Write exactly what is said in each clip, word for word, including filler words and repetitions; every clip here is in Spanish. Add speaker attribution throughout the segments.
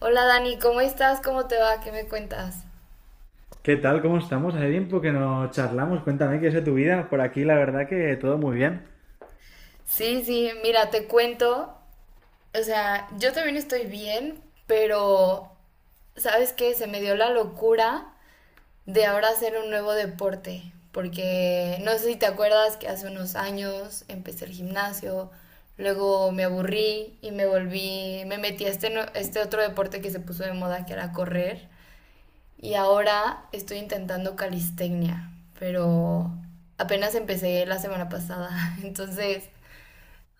Speaker 1: Hola Dani, ¿cómo estás? ¿Cómo te va? ¿Qué me cuentas?
Speaker 2: ¿Qué tal? ¿Cómo estamos? Hace tiempo que no charlamos. Cuéntame qué es de tu vida. Por aquí, la verdad que todo muy bien.
Speaker 1: Sí, sí, mira, te cuento. O sea, yo también estoy bien, pero ¿sabes qué? Se me dio la locura de ahora hacer un nuevo deporte, porque no sé si te acuerdas que hace unos años empecé el gimnasio, luego me aburrí y me volví, me metí a este, nue- este otro deporte que se puso de moda que era correr. Y ahora estoy intentando calistecnia, pero apenas empecé la semana pasada. Entonces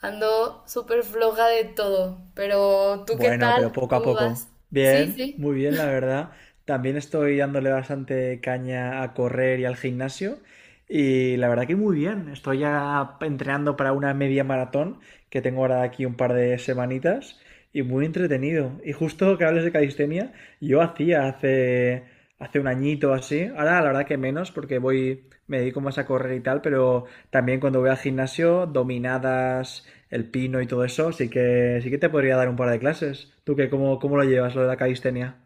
Speaker 1: ando súper floja de todo. Pero ¿tú qué
Speaker 2: Bueno, pero
Speaker 1: tal?
Speaker 2: poco a
Speaker 1: ¿Cómo vas?
Speaker 2: poco.
Speaker 1: Sí,
Speaker 2: Bien,
Speaker 1: sí.
Speaker 2: muy bien, la verdad. También estoy dándole bastante caña a correr y al gimnasio. Y la verdad que muy bien. Estoy ya entrenando para una media maratón que tengo ahora de aquí un par de semanitas. Y muy entretenido. Y justo que hables de calistenia, yo hacía hace hace un añito o así. Ahora la verdad que menos porque voy, me dedico más a correr y tal, pero también cuando voy al gimnasio, dominadas, el pino y todo eso, sí que sí que te podría dar un par de clases. ¿Tú qué, cómo, cómo lo llevas, lo de la calistenia?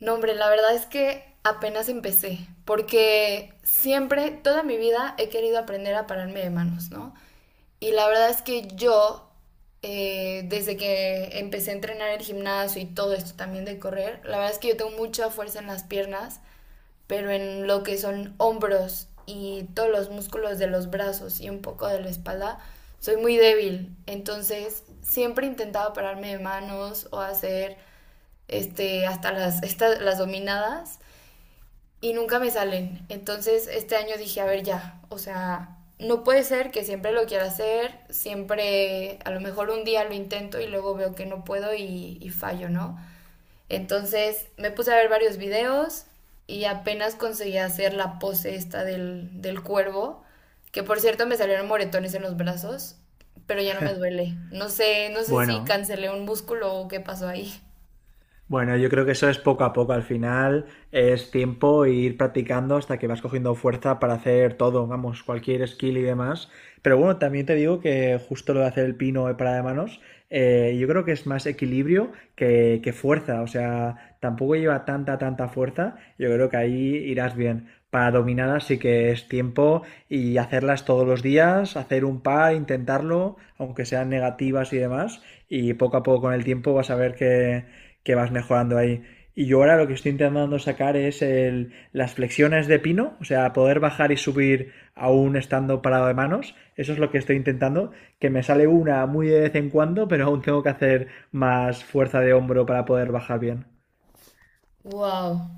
Speaker 1: No, hombre, la verdad es que apenas empecé, porque siempre, toda mi vida, he querido aprender a pararme de manos, ¿no? Y la verdad es que yo, eh, desde que empecé a entrenar el gimnasio y todo esto también de correr, la verdad es que yo tengo mucha fuerza en las piernas, pero en lo que son hombros y todos los músculos de los brazos y un poco de la espalda, soy muy débil. Entonces, siempre intentaba pararme de manos o hacer este, hasta las, estas, las dominadas y nunca me salen. Entonces, este año dije, a ver ya, o sea, no puede ser que siempre lo quiera hacer, siempre, a lo mejor un día lo intento y luego veo que no puedo y, y fallo, ¿no? Entonces me puse a ver varios videos y apenas conseguí hacer la pose esta del, del cuervo, que por cierto me salieron moretones en los brazos, pero ya no me duele. No sé, no sé si
Speaker 2: Bueno,
Speaker 1: cancelé un músculo o qué pasó ahí.
Speaker 2: bueno, yo creo que eso es poco a poco. Al final es tiempo e ir practicando hasta que vas cogiendo fuerza para hacer todo, vamos, cualquier skill y demás. Pero bueno, también te digo que justo lo de hacer el pino de parada de manos eh, yo creo que es más equilibrio que, que fuerza, o sea, tampoco lleva tanta, tanta fuerza, yo creo que ahí irás bien. Para dominadas sí que es tiempo y hacerlas todos los días, hacer un par, intentarlo, aunque sean negativas y demás, y poco a poco con el tiempo vas a ver que, que vas mejorando ahí. Y yo ahora lo que estoy intentando sacar es el- las flexiones de pino, o sea, poder bajar y subir aún estando parado de manos. Eso es lo que estoy intentando, que me sale una muy de vez en cuando, pero aún tengo que hacer más fuerza de hombro para poder bajar bien.
Speaker 1: Wow.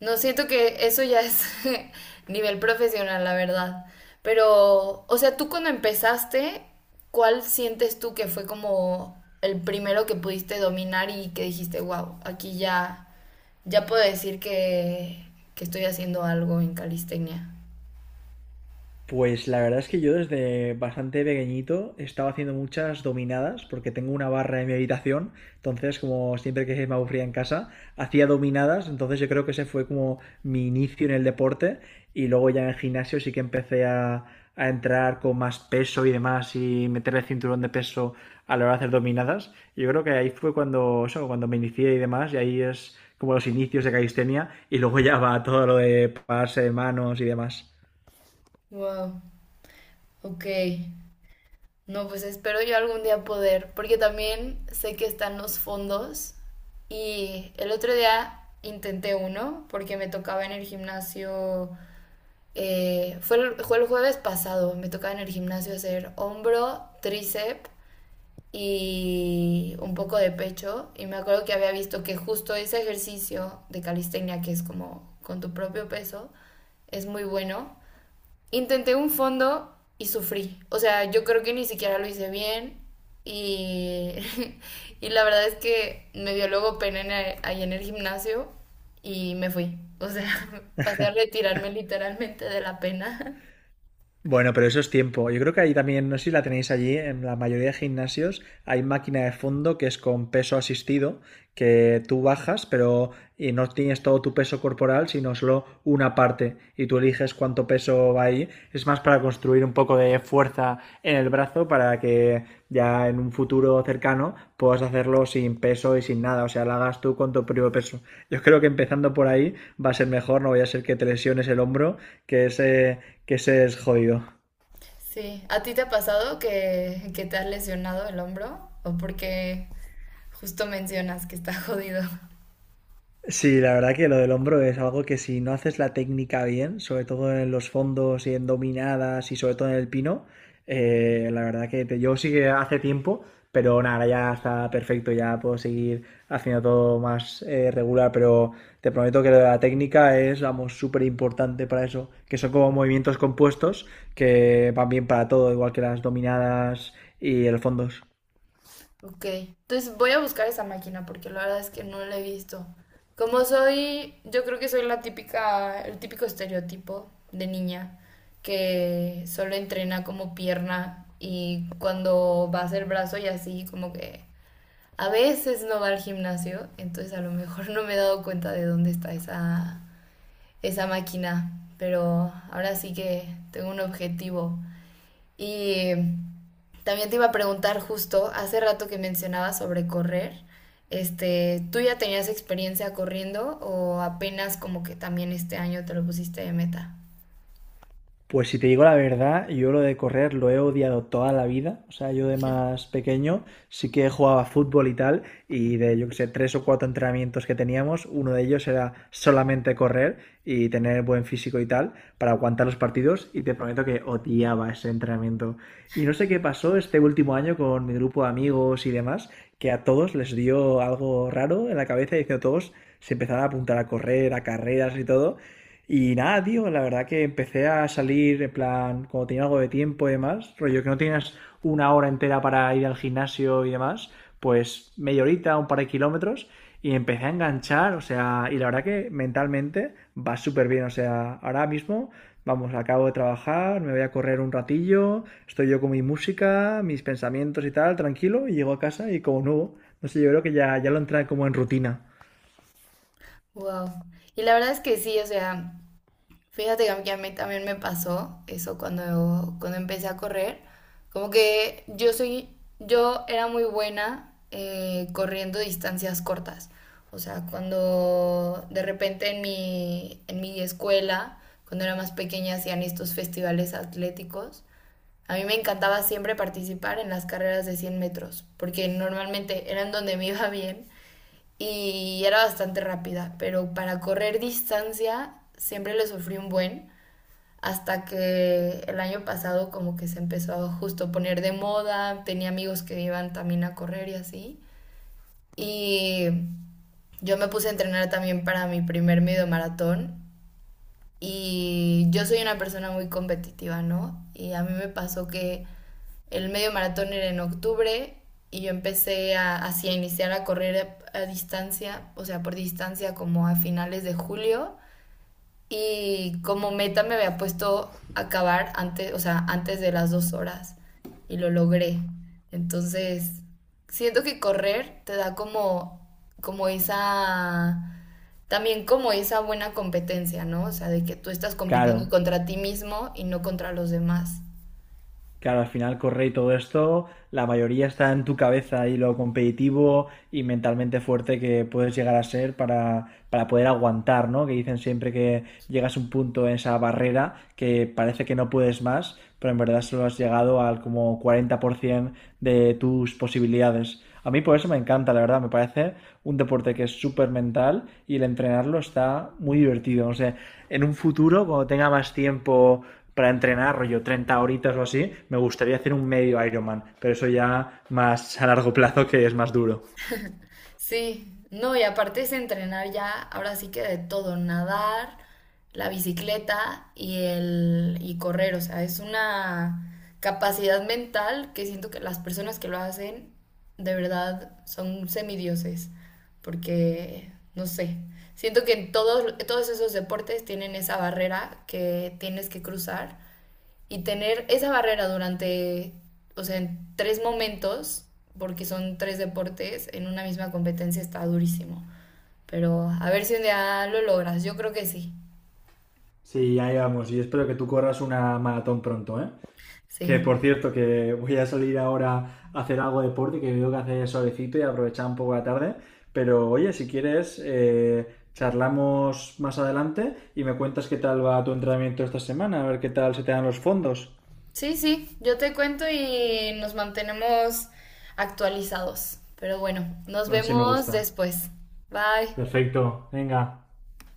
Speaker 1: No, siento que eso ya es nivel profesional, la verdad. Pero, o sea, tú cuando empezaste, ¿cuál sientes tú que fue como el primero que pudiste dominar y que dijiste, wow, aquí ya, ya puedo decir que, que estoy haciendo algo en calistenia?
Speaker 2: Pues la verdad es que yo desde bastante pequeñito estaba haciendo muchas dominadas porque tengo una barra en mi habitación, entonces como siempre que me aburría en casa, hacía dominadas, entonces yo creo que ese fue como mi inicio en el deporte y luego ya en el gimnasio sí que empecé a, a entrar con más peso y demás y meter el cinturón de peso a la hora de hacer dominadas. Yo creo que ahí fue cuando, eso, cuando me inicié y demás y ahí es como los inicios de calistenia y luego ya va todo lo de pararse de manos y demás.
Speaker 1: Wow, ok. No, pues espero yo algún día poder, porque también sé que están los fondos y el otro día intenté uno porque me tocaba en el gimnasio. Eh, fue, el, fue el jueves pasado, me tocaba en el gimnasio hacer hombro, tríceps y un poco de pecho. Y me acuerdo que había visto que justo ese ejercicio de calistenia, que es como con tu propio peso, es muy bueno. Intenté un fondo y sufrí. O sea, yo creo que ni siquiera lo hice bien y, y la verdad es que me dio luego pena en el- ahí en el gimnasio y me fui. O sea, pasé a retirarme literalmente de la pena.
Speaker 2: Bueno, pero eso es tiempo. Yo creo que ahí también, no sé si la tenéis allí, en la mayoría de gimnasios hay máquina de fondo que es con peso asistido, que tú bajas, pero y no tienes todo tu peso corporal, sino solo una parte, y tú eliges cuánto peso va ahí. Es más para construir un poco de fuerza en el brazo para que ya en un futuro cercano puedas hacerlo sin peso y sin nada, o sea, lo hagas tú con tu propio peso. Yo creo que empezando por ahí va a ser mejor, no vaya a ser que te lesiones el hombro, que es eh, que ese es jodido.
Speaker 1: Sí, ¿a ti te ha pasado que, que te has lesionado el hombro? ¿O porque justo mencionas que está jodido?
Speaker 2: Sí, la verdad que lo del hombro es algo que si no haces la técnica bien, sobre todo en los fondos y en dominadas y sobre todo en el pino, eh, la verdad que te- yo sí que hace tiempo, pero nada, ahora ya está perfecto, ya puedo seguir haciendo todo más eh, regular, pero te prometo que lo de la técnica es, vamos, súper importante para eso, que son como movimientos compuestos que van bien para todo, igual que las dominadas y el fondos.
Speaker 1: Ok, entonces voy a buscar esa máquina porque la verdad es que no la he visto. Como soy, yo creo que soy la típica, el típico estereotipo de niña que solo entrena como pierna y cuando va a hacer brazo y así, como que a veces no va al gimnasio, entonces a lo mejor no me he dado cuenta de dónde está esa, esa máquina, pero ahora sí que tengo un objetivo. Y también te iba a preguntar justo, hace rato que mencionabas sobre correr, este, ¿tú ya tenías experiencia corriendo o apenas como que también este año te lo pusiste de meta?
Speaker 2: Pues si te digo la verdad, yo lo de correr lo he odiado toda la vida. O sea, yo de más pequeño sí que jugaba fútbol y tal, y de, yo qué sé, tres o cuatro entrenamientos que teníamos, uno de ellos era solamente correr y tener buen físico y tal para aguantar los partidos, y te prometo que odiaba ese entrenamiento. Y no sé qué pasó este último año con mi grupo de amigos y demás, que a todos les dio algo raro en la cabeza y diciendo todos se empezaron a apuntar a correr, a carreras y todo, y nada, tío, la verdad que empecé a salir, en plan, como tenía algo de tiempo y demás, rollo que no tienes una hora entera para ir al gimnasio y demás, pues media horita, un par de kilómetros, y empecé a enganchar, o sea, y la verdad que mentalmente va súper bien, o sea, ahora mismo, vamos, acabo de trabajar, me voy a correr un ratillo, estoy yo con mi música, mis pensamientos y tal, tranquilo, y llego a casa y como nuevo, no sé, yo creo que ya, ya lo entré como en rutina.
Speaker 1: Wow. Y la verdad es que sí, o sea, fíjate que a mí que a mí también me pasó eso cuando, cuando empecé a correr. Como que yo soy, yo era muy buena eh, corriendo distancias cortas. O sea, cuando de repente en mi, en mi escuela, cuando era más pequeña, hacían estos festivales atléticos. A mí me encantaba siempre participar en las carreras de cien metros, porque normalmente eran donde me iba bien y era bastante rápida, pero para correr distancia siempre le sufrí un buen hasta que el año pasado como que se empezó a justo poner de moda, tenía amigos que iban también a correr y así. Y yo me puse a entrenar también para mi primer medio maratón y yo soy una persona muy competitiva, ¿no? Y a mí me pasó que el medio maratón era en octubre y yo empecé a, así a iniciar a correr a, a distancia, o sea, por distancia como a finales de julio y como meta me había puesto acabar antes, o sea, antes de las dos horas y lo logré. Entonces, siento que correr te da como, como esa, también como esa buena competencia, ¿no? O sea, de que tú estás compitiendo
Speaker 2: Claro,
Speaker 1: contra ti mismo y no contra los demás.
Speaker 2: Claro, al final correr y todo esto, la mayoría está en tu cabeza y lo competitivo y mentalmente fuerte que puedes llegar a ser para, para poder aguantar, ¿no? Que dicen siempre que llegas a un punto en esa barrera que parece que no puedes más, pero en verdad solo has llegado al como cuarenta por ciento de tus posibilidades. A mí por eso me encanta, la verdad, me parece un deporte que es súper mental y el entrenarlo está muy divertido. O sea, en un futuro, cuando tenga más tiempo para entrenar, rollo treinta horitas o así, me gustaría hacer un medio Ironman, pero eso ya más a largo plazo que es más duro.
Speaker 1: Sí, no, y aparte es entrenar ya, ahora sí que de todo, nadar, la bicicleta y el y correr, o sea, es una capacidad mental que siento que las personas que lo hacen de verdad son semidioses, porque no sé, siento que en todos todos esos deportes tienen esa barrera que tienes que cruzar y tener esa barrera durante, o sea, en tres momentos, porque son tres deportes, en una misma competencia está durísimo. Pero a ver si un día lo logras, yo creo que sí.
Speaker 2: Sí, ahí vamos. Y espero que tú corras una maratón pronto, ¿eh?
Speaker 1: Sí,
Speaker 2: Que por cierto, que voy a salir ahora a hacer algo de deporte, que veo que hace solecito y aprovechar un poco la tarde. Pero oye, si quieres, eh, charlamos más adelante y me cuentas qué tal va tu entrenamiento esta semana, a ver qué tal se te dan los fondos.
Speaker 1: sí, sí, yo te cuento y nos mantenemos actualizados. Pero bueno, nos
Speaker 2: Así me
Speaker 1: vemos
Speaker 2: gusta.
Speaker 1: después. Bye.
Speaker 2: Perfecto, venga.